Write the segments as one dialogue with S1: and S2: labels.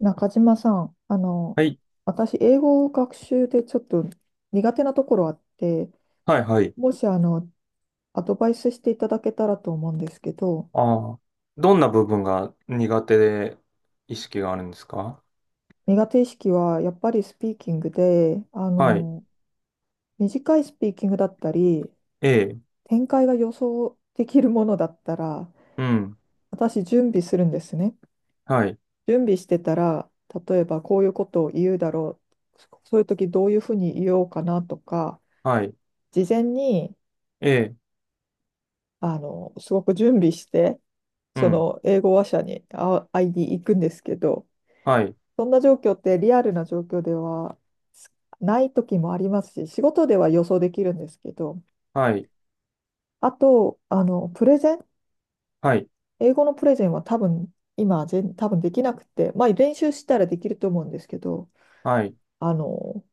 S1: 中島さん、
S2: はい、
S1: 私、英語学習でちょっと苦手なところあって、
S2: はい、はい。
S1: もし、アドバイスしていただけたらと思うんですけど、
S2: ああ、どんな部分が苦手で意識があるんですか？
S1: 苦手意識はやっぱりスピーキングで、
S2: はい、
S1: 短いスピーキングだったり、
S2: ええ、
S1: 展開が予想できるものだったら、
S2: うん、
S1: 私、準備するんですね。
S2: はい、
S1: 準備してたら、例えばこういうことを言うだろう、そういう時どういうふうに言おうかなとか、
S2: はい、
S1: 事前に、
S2: ええ、
S1: すごく準備して、
S2: う
S1: そ
S2: ん、
S1: の英語話者に会いに行くんですけど、
S2: はい、
S1: そんな状況ってリアルな状況ではすない時もありますし、仕事では予想できるんですけど、
S2: はい、
S1: あと、プレゼン、
S2: はい、
S1: 英語のプレゼンは多分、今、多分できなくて、まあ、練習したらできると思うんですけど、
S2: はい、
S1: あの、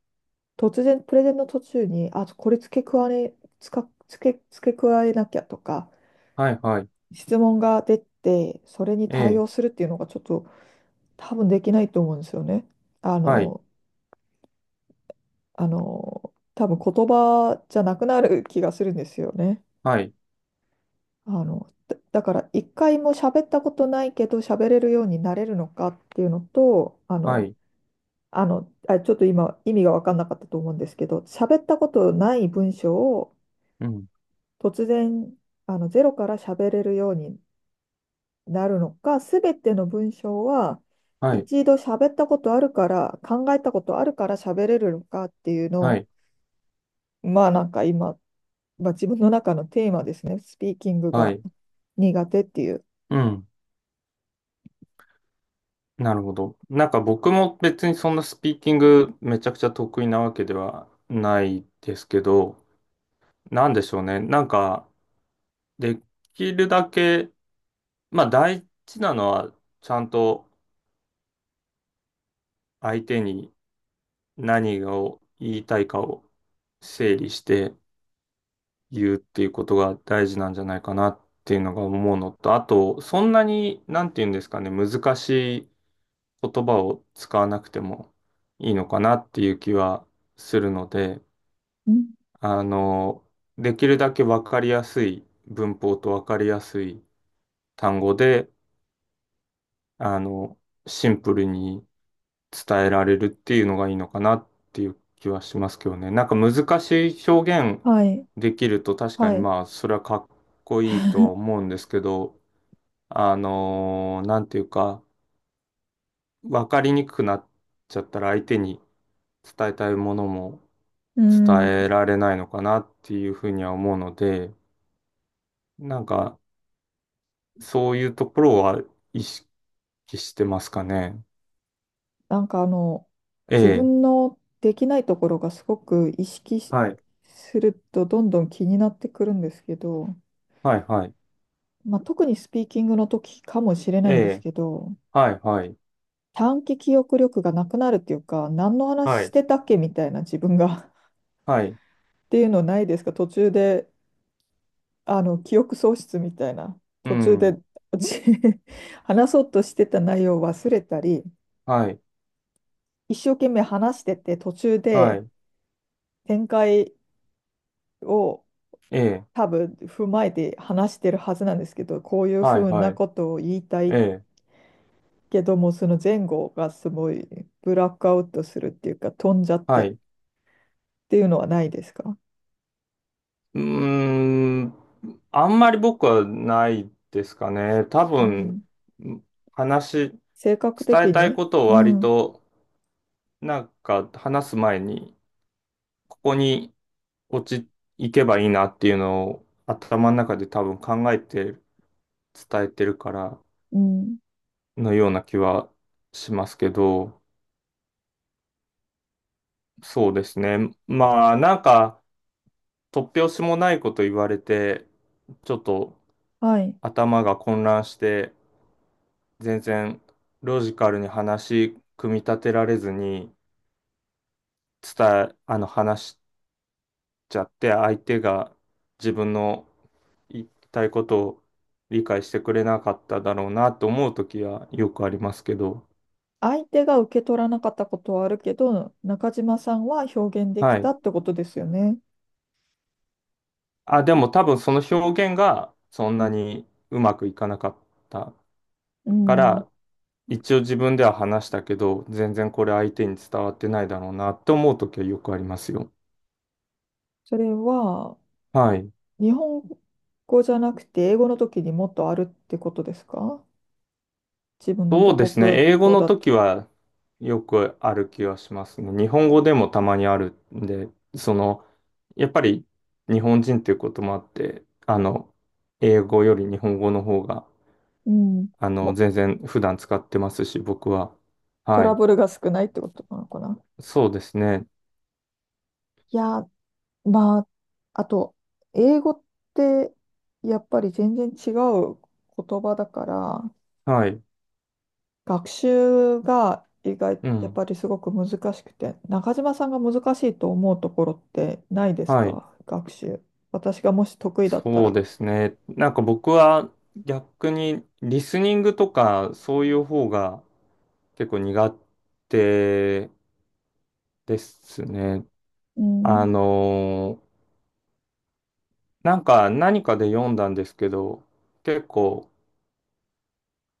S1: 突然、プレゼンの途中に、あ、これ付け加えなきゃとか、
S2: はい、はい、
S1: 質問が出て、それに
S2: え
S1: 対
S2: え、
S1: 応するっていうのがちょっと、多分できないと思うんですよね。あ
S2: はい、
S1: の、多分言葉じゃなくなる気がするんですよね。
S2: はい、
S1: だから一回も喋ったことないけど喋れるようになれるのかっていうのと、
S2: はい、
S1: あ、ちょっと今意味が分かんなかったと思うんですけど、喋ったことない文章を
S2: うん、
S1: 突然ゼロから喋れるようになるのか、すべての文章は
S2: はい、
S1: 一度喋ったことあるから、考えたことあるから喋れるのかっていうの
S2: は
S1: を
S2: い、
S1: まあなんか今、まあ、自分の中のテーマですね。スピーキング
S2: は
S1: が
S2: い、
S1: 苦手っていう。
S2: うん。なるほど。僕も別にそんなスピーキングめちゃくちゃ得意なわけではないですけど、なんでしょうね。できるだけ、まあ大事なのは、ちゃんと相手に何を言いたいかを整理して言うっていうことが大事なんじゃないかなっていうのが思うのと、あと、そんなに、なんていうんですかね、難しい言葉を使わなくてもいいのかなっていう気はするので、
S1: うん。
S2: あの、できるだけわかりやすい文法とわかりやすい単語で、あの、シンプルに伝えられるっていうのがいいのかなっていう気はしますけどね。なんか難しい表現
S1: はい。
S2: できると確か
S1: は
S2: に
S1: い。
S2: まあそれはかっこいいとは思うんですけど、なんていうか分かりにくくなっちゃったら相手に伝えたいものも
S1: う
S2: 伝え
S1: ん。
S2: られないのかなっていうふうには思うので、なんかそういうところは意識してますかね。
S1: なんか
S2: え
S1: 自
S2: え、
S1: 分のできないところがすごく意識し
S2: はい、
S1: するとどんどん気になってくるんですけど、
S2: はい、はい、
S1: まあ、特にスピーキングの時かもしれな
S2: え
S1: いんです
S2: え、
S1: けど、
S2: はい、はい、
S1: 短期記憶力がなくなるっていうか、何の話
S2: は
S1: し
S2: い、
S1: てたっけみたいな自分が
S2: はい、
S1: っていうのないですか？途中で記憶喪失みたいな、
S2: う
S1: 途中
S2: ん。
S1: でじ 話そうとしてた内容を忘れたり、
S2: はい、
S1: 一生懸命話してて、途中
S2: は
S1: で
S2: い、
S1: 展開を
S2: ええ、
S1: 多分踏まえて話してるはずなんですけど、こういう
S2: は
S1: ふ
S2: い、
S1: う
S2: は
S1: な
S2: い、
S1: ことを言いた
S2: え
S1: い
S2: え、
S1: けども、その前後がすごいブラックアウトするっていうか、飛んじゃって
S2: は
S1: っ
S2: い。
S1: ていうのはないですか？
S2: うーん、あんまり僕はないですかね。多
S1: う
S2: 分、
S1: ん。
S2: 話、
S1: 性格
S2: 伝え
S1: 的
S2: たい
S1: に、
S2: ことを
S1: う
S2: 割
S1: ん、
S2: と、なんか話す前に、ここに落ち、いけばいいなっていうのを頭の中で多分考えて伝えてるから
S1: うん。
S2: のような気はしますけど、そうですね。まあ、なんか、突拍子もないこと言われて、ちょっと、
S1: はい。
S2: 頭が混乱して全然ロジカルに話組み立てられずに伝え、あの話しちゃって相手が自分の言いたいことを理解してくれなかっただろうなと思う時はよくありますけど、
S1: 相手が受け取らなかったことはあるけど、中島さんは表現でき
S2: は
S1: た
S2: い。
S1: ってことですよね。
S2: あ、でも多分その表現がそんなにうまくいかなかった
S1: う
S2: か
S1: ん。
S2: ら、一応自分では話したけど、全然これ相手に伝わってないだろうなって思う時はよくありますよ。
S1: それは、
S2: はい。
S1: 日本語じゃなくて英語の時にもっとあるってことですか？自分の母
S2: そうですね。
S1: 国
S2: 英語
S1: 語
S2: の
S1: だと。
S2: 時はよくある気がしますね。日本語でもたまにあるんで、その、やっぱり日本人っていうこともあって、英語より日本語の方が、
S1: うん。も、
S2: 全然普段使ってますし、僕は。
S1: ト
S2: は
S1: ラ
S2: い。
S1: ブルが少ないってことなのかな。
S2: そうですね。
S1: いや、まあ、あと、英語ってやっぱり全然違う言葉だから、
S2: はい。
S1: 学習が
S2: う
S1: やっ
S2: ん。
S1: ぱりすごく難しくて、中島さんが難しいと思うところってないです
S2: はい。
S1: か？学習。私がもし得意だった
S2: そう
S1: ら。
S2: ですね。僕は逆にリスニングとかそういう方が結構苦手ですね。
S1: う
S2: あ
S1: ん。
S2: のーなんか何かで読んだんですけど、結構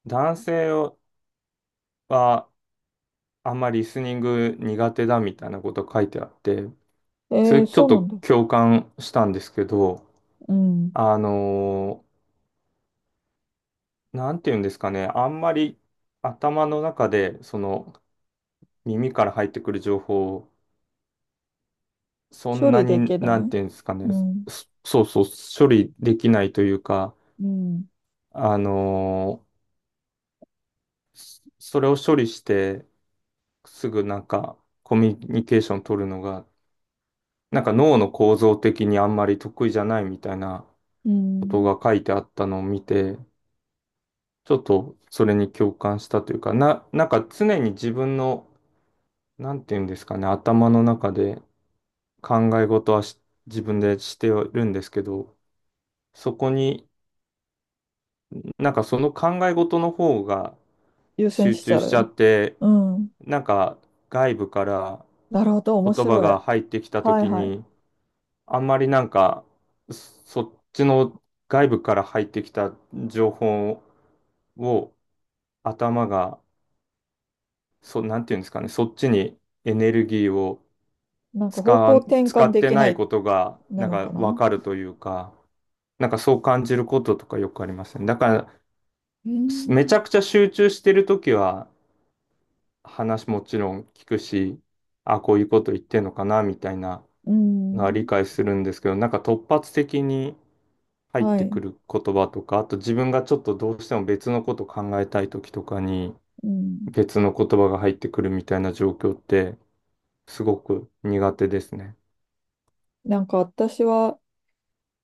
S2: 男性はあんまりリスニング苦手だみたいなこと書いてあって、
S1: え
S2: それ
S1: ー、
S2: ちょ
S1: そ
S2: っ
S1: うなん
S2: と
S1: だ。
S2: 共感したんですけど、
S1: うん。
S2: あのなんて言うんですかね、あんまり頭の中でその耳から入ってくる情報をそ
S1: 処
S2: んな
S1: 理で
S2: に、
S1: き
S2: な
S1: な
S2: ん
S1: い。
S2: て言うんですかね、
S1: うん。
S2: そう、処理できないというか、
S1: うん。
S2: あのーそそれを処理して、すぐなんかコミュニケーション取るのが、なんか脳の構造的にあんまり得意じゃないみたいな
S1: う
S2: こと
S1: ん。
S2: が書いてあったのを見て、ちょっとそれに共感したというか、な、なんか常に自分の、なんていうんですかね、頭の中で考え事はし自分でしてるんですけど、そこになんかその考え事の方が
S1: 優先
S2: 集
S1: しち
S2: 中
S1: ゃ
S2: しちゃ
S1: う。
S2: って、
S1: うん。
S2: なんか外部から
S1: なるほど、面
S2: 言葉
S1: 白い。
S2: が入ってきた
S1: はい
S2: 時
S1: はい。
S2: に、あんまりなんか、そっちの外部から入ってきた情報を頭が、そ、なんていうんですかね、そっちにエネルギーを
S1: なんか方向転
S2: 使
S1: 換
S2: っ
S1: で
S2: て
S1: き
S2: な
S1: な
S2: い
S1: い、
S2: ことが、
S1: な
S2: なん
S1: のか
S2: かわ
S1: な。
S2: かるというか、なんかそう感じることとかよくありますね。だから、
S1: う
S2: すめちゃ
S1: ん。
S2: くちゃ集中してるときは、話もちろん聞くし、あ、こういうこと言ってんのかな、みたいな
S1: う
S2: のは理
S1: ん。
S2: 解するんですけど、なんか突発的に、入っ
S1: は
S2: て
S1: い。
S2: くる言葉とか、あと自分がちょっとどうしても別のこと考えたい時とかに
S1: うん。
S2: 別の言葉が入ってくるみたいな状況ってすごく苦手ですね。
S1: なんか私は、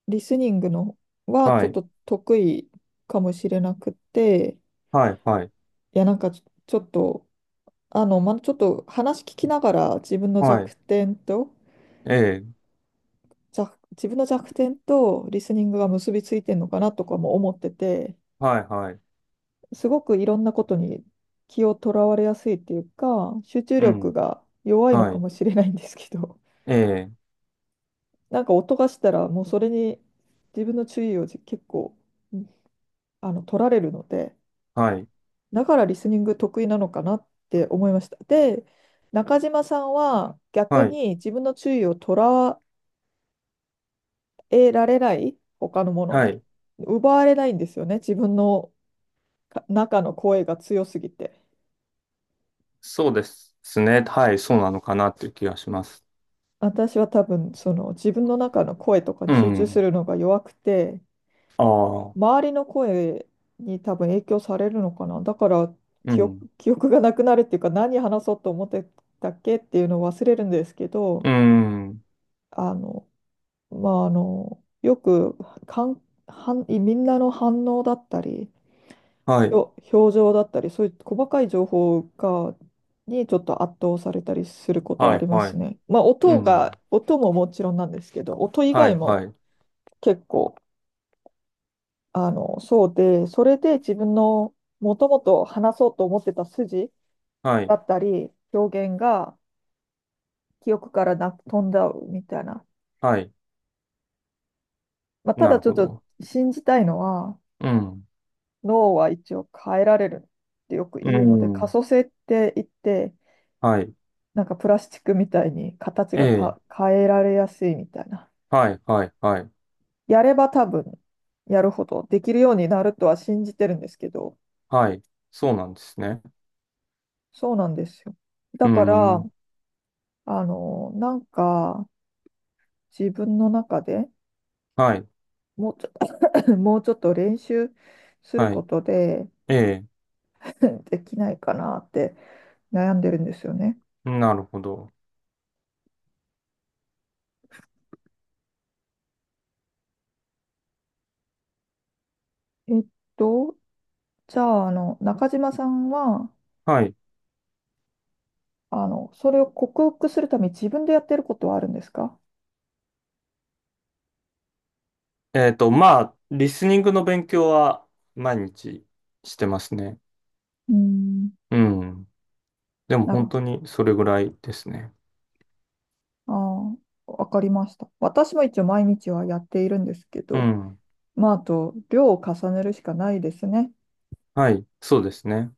S1: リスニングのはち
S2: は
S1: ょっ
S2: い。
S1: と得意かもしれなくて、
S2: はい。はい。
S1: いや、なんかちょっと、話聞きながら自分の
S2: はい。
S1: 弱点と、
S2: ええ。
S1: 自分の弱点とリスニングが結びついてるのかなとかも思ってて、
S2: はい。はい。
S1: すごくいろんなことに気をとらわれやすいっていうか、集中
S2: う
S1: 力
S2: ん。
S1: が弱いの
S2: は
S1: か
S2: い。
S1: もしれないんですけど、
S2: ええ。
S1: なんか音がしたらもうそれに自分の注意を結構、取られるので、
S2: はい。
S1: だからリスニング得意なのかなって思いました。で、中島さんは逆
S2: はい。
S1: に自分の注意を捉えられない、他のもの
S2: は
S1: に。
S2: い。
S1: 奪われないんですよね、自分の中の声が強すぎて。
S2: そうですね。はい。そうなのかなっていう気がします。
S1: 私は多分、その自分の中の声とか
S2: う
S1: に集中す
S2: ん。
S1: るのが弱くて、
S2: ああ。
S1: 周りの声に多分影響されるのかな。だから
S2: う
S1: 記憶、
S2: ん。
S1: 記憶がなくなるっていうか、何話そうと思ってたっけっていうのを忘れるんですけど、
S2: うん。
S1: あの、まあ、よくかん、みんなの反応だったり、
S2: はい。
S1: 表情だったり、そういう細かい情報にちょっと圧倒されたりすることは
S2: は
S1: あ
S2: い。
S1: りま
S2: は
S1: す
S2: い。
S1: ね。まあ、
S2: う
S1: 音が、
S2: ん。
S1: 音ももちろんなんですけど、音以
S2: は
S1: 外
S2: い。は
S1: も
S2: い。
S1: 結構、そうで、それで自分のもともと話そうと思ってた筋
S2: はい。
S1: だったり、表現が記憶から飛んだみたいな。
S2: はい。
S1: まあ、た
S2: な
S1: だ
S2: る
S1: ちょっ
S2: ほ
S1: と
S2: ど。
S1: 信じたいのは、
S2: うん。
S1: 脳は一応変えられるってよく
S2: う
S1: 言うので、可
S2: ん。
S1: 塑性って言って、
S2: はい。
S1: なんかプラスチックみたいに形
S2: え
S1: が
S2: え。
S1: 変えられやすいみたいな。
S2: はい、はい、はい。
S1: やれば多分やるほどできるようになるとは信じてるんですけど、
S2: はい。そうなんですね。
S1: そうなんですよ。だ
S2: う
S1: から、
S2: ん。
S1: なんか自分の中で
S2: はい。
S1: もうちょ、もうちょっと練習する
S2: は
S1: こ
S2: い。
S1: とで
S2: ええ。
S1: できないかなって悩んでるんですよね。
S2: なるほど。
S1: えっと、じゃあ、中島さんは、
S2: はい。
S1: それを克服するために自分でやってることはあるんですか？
S2: えっと、まあ、リスニングの勉強は毎日してますね。
S1: うーん。
S2: うん。でも
S1: なる
S2: 本
S1: ほ
S2: 当にそれぐらいですね。
S1: ど。ああ、わかりました。私も一応毎日はやっているんですけ
S2: う
S1: ど、
S2: ん。
S1: まあ、あと、量を重ねるしかないですね。
S2: はい。そうですね。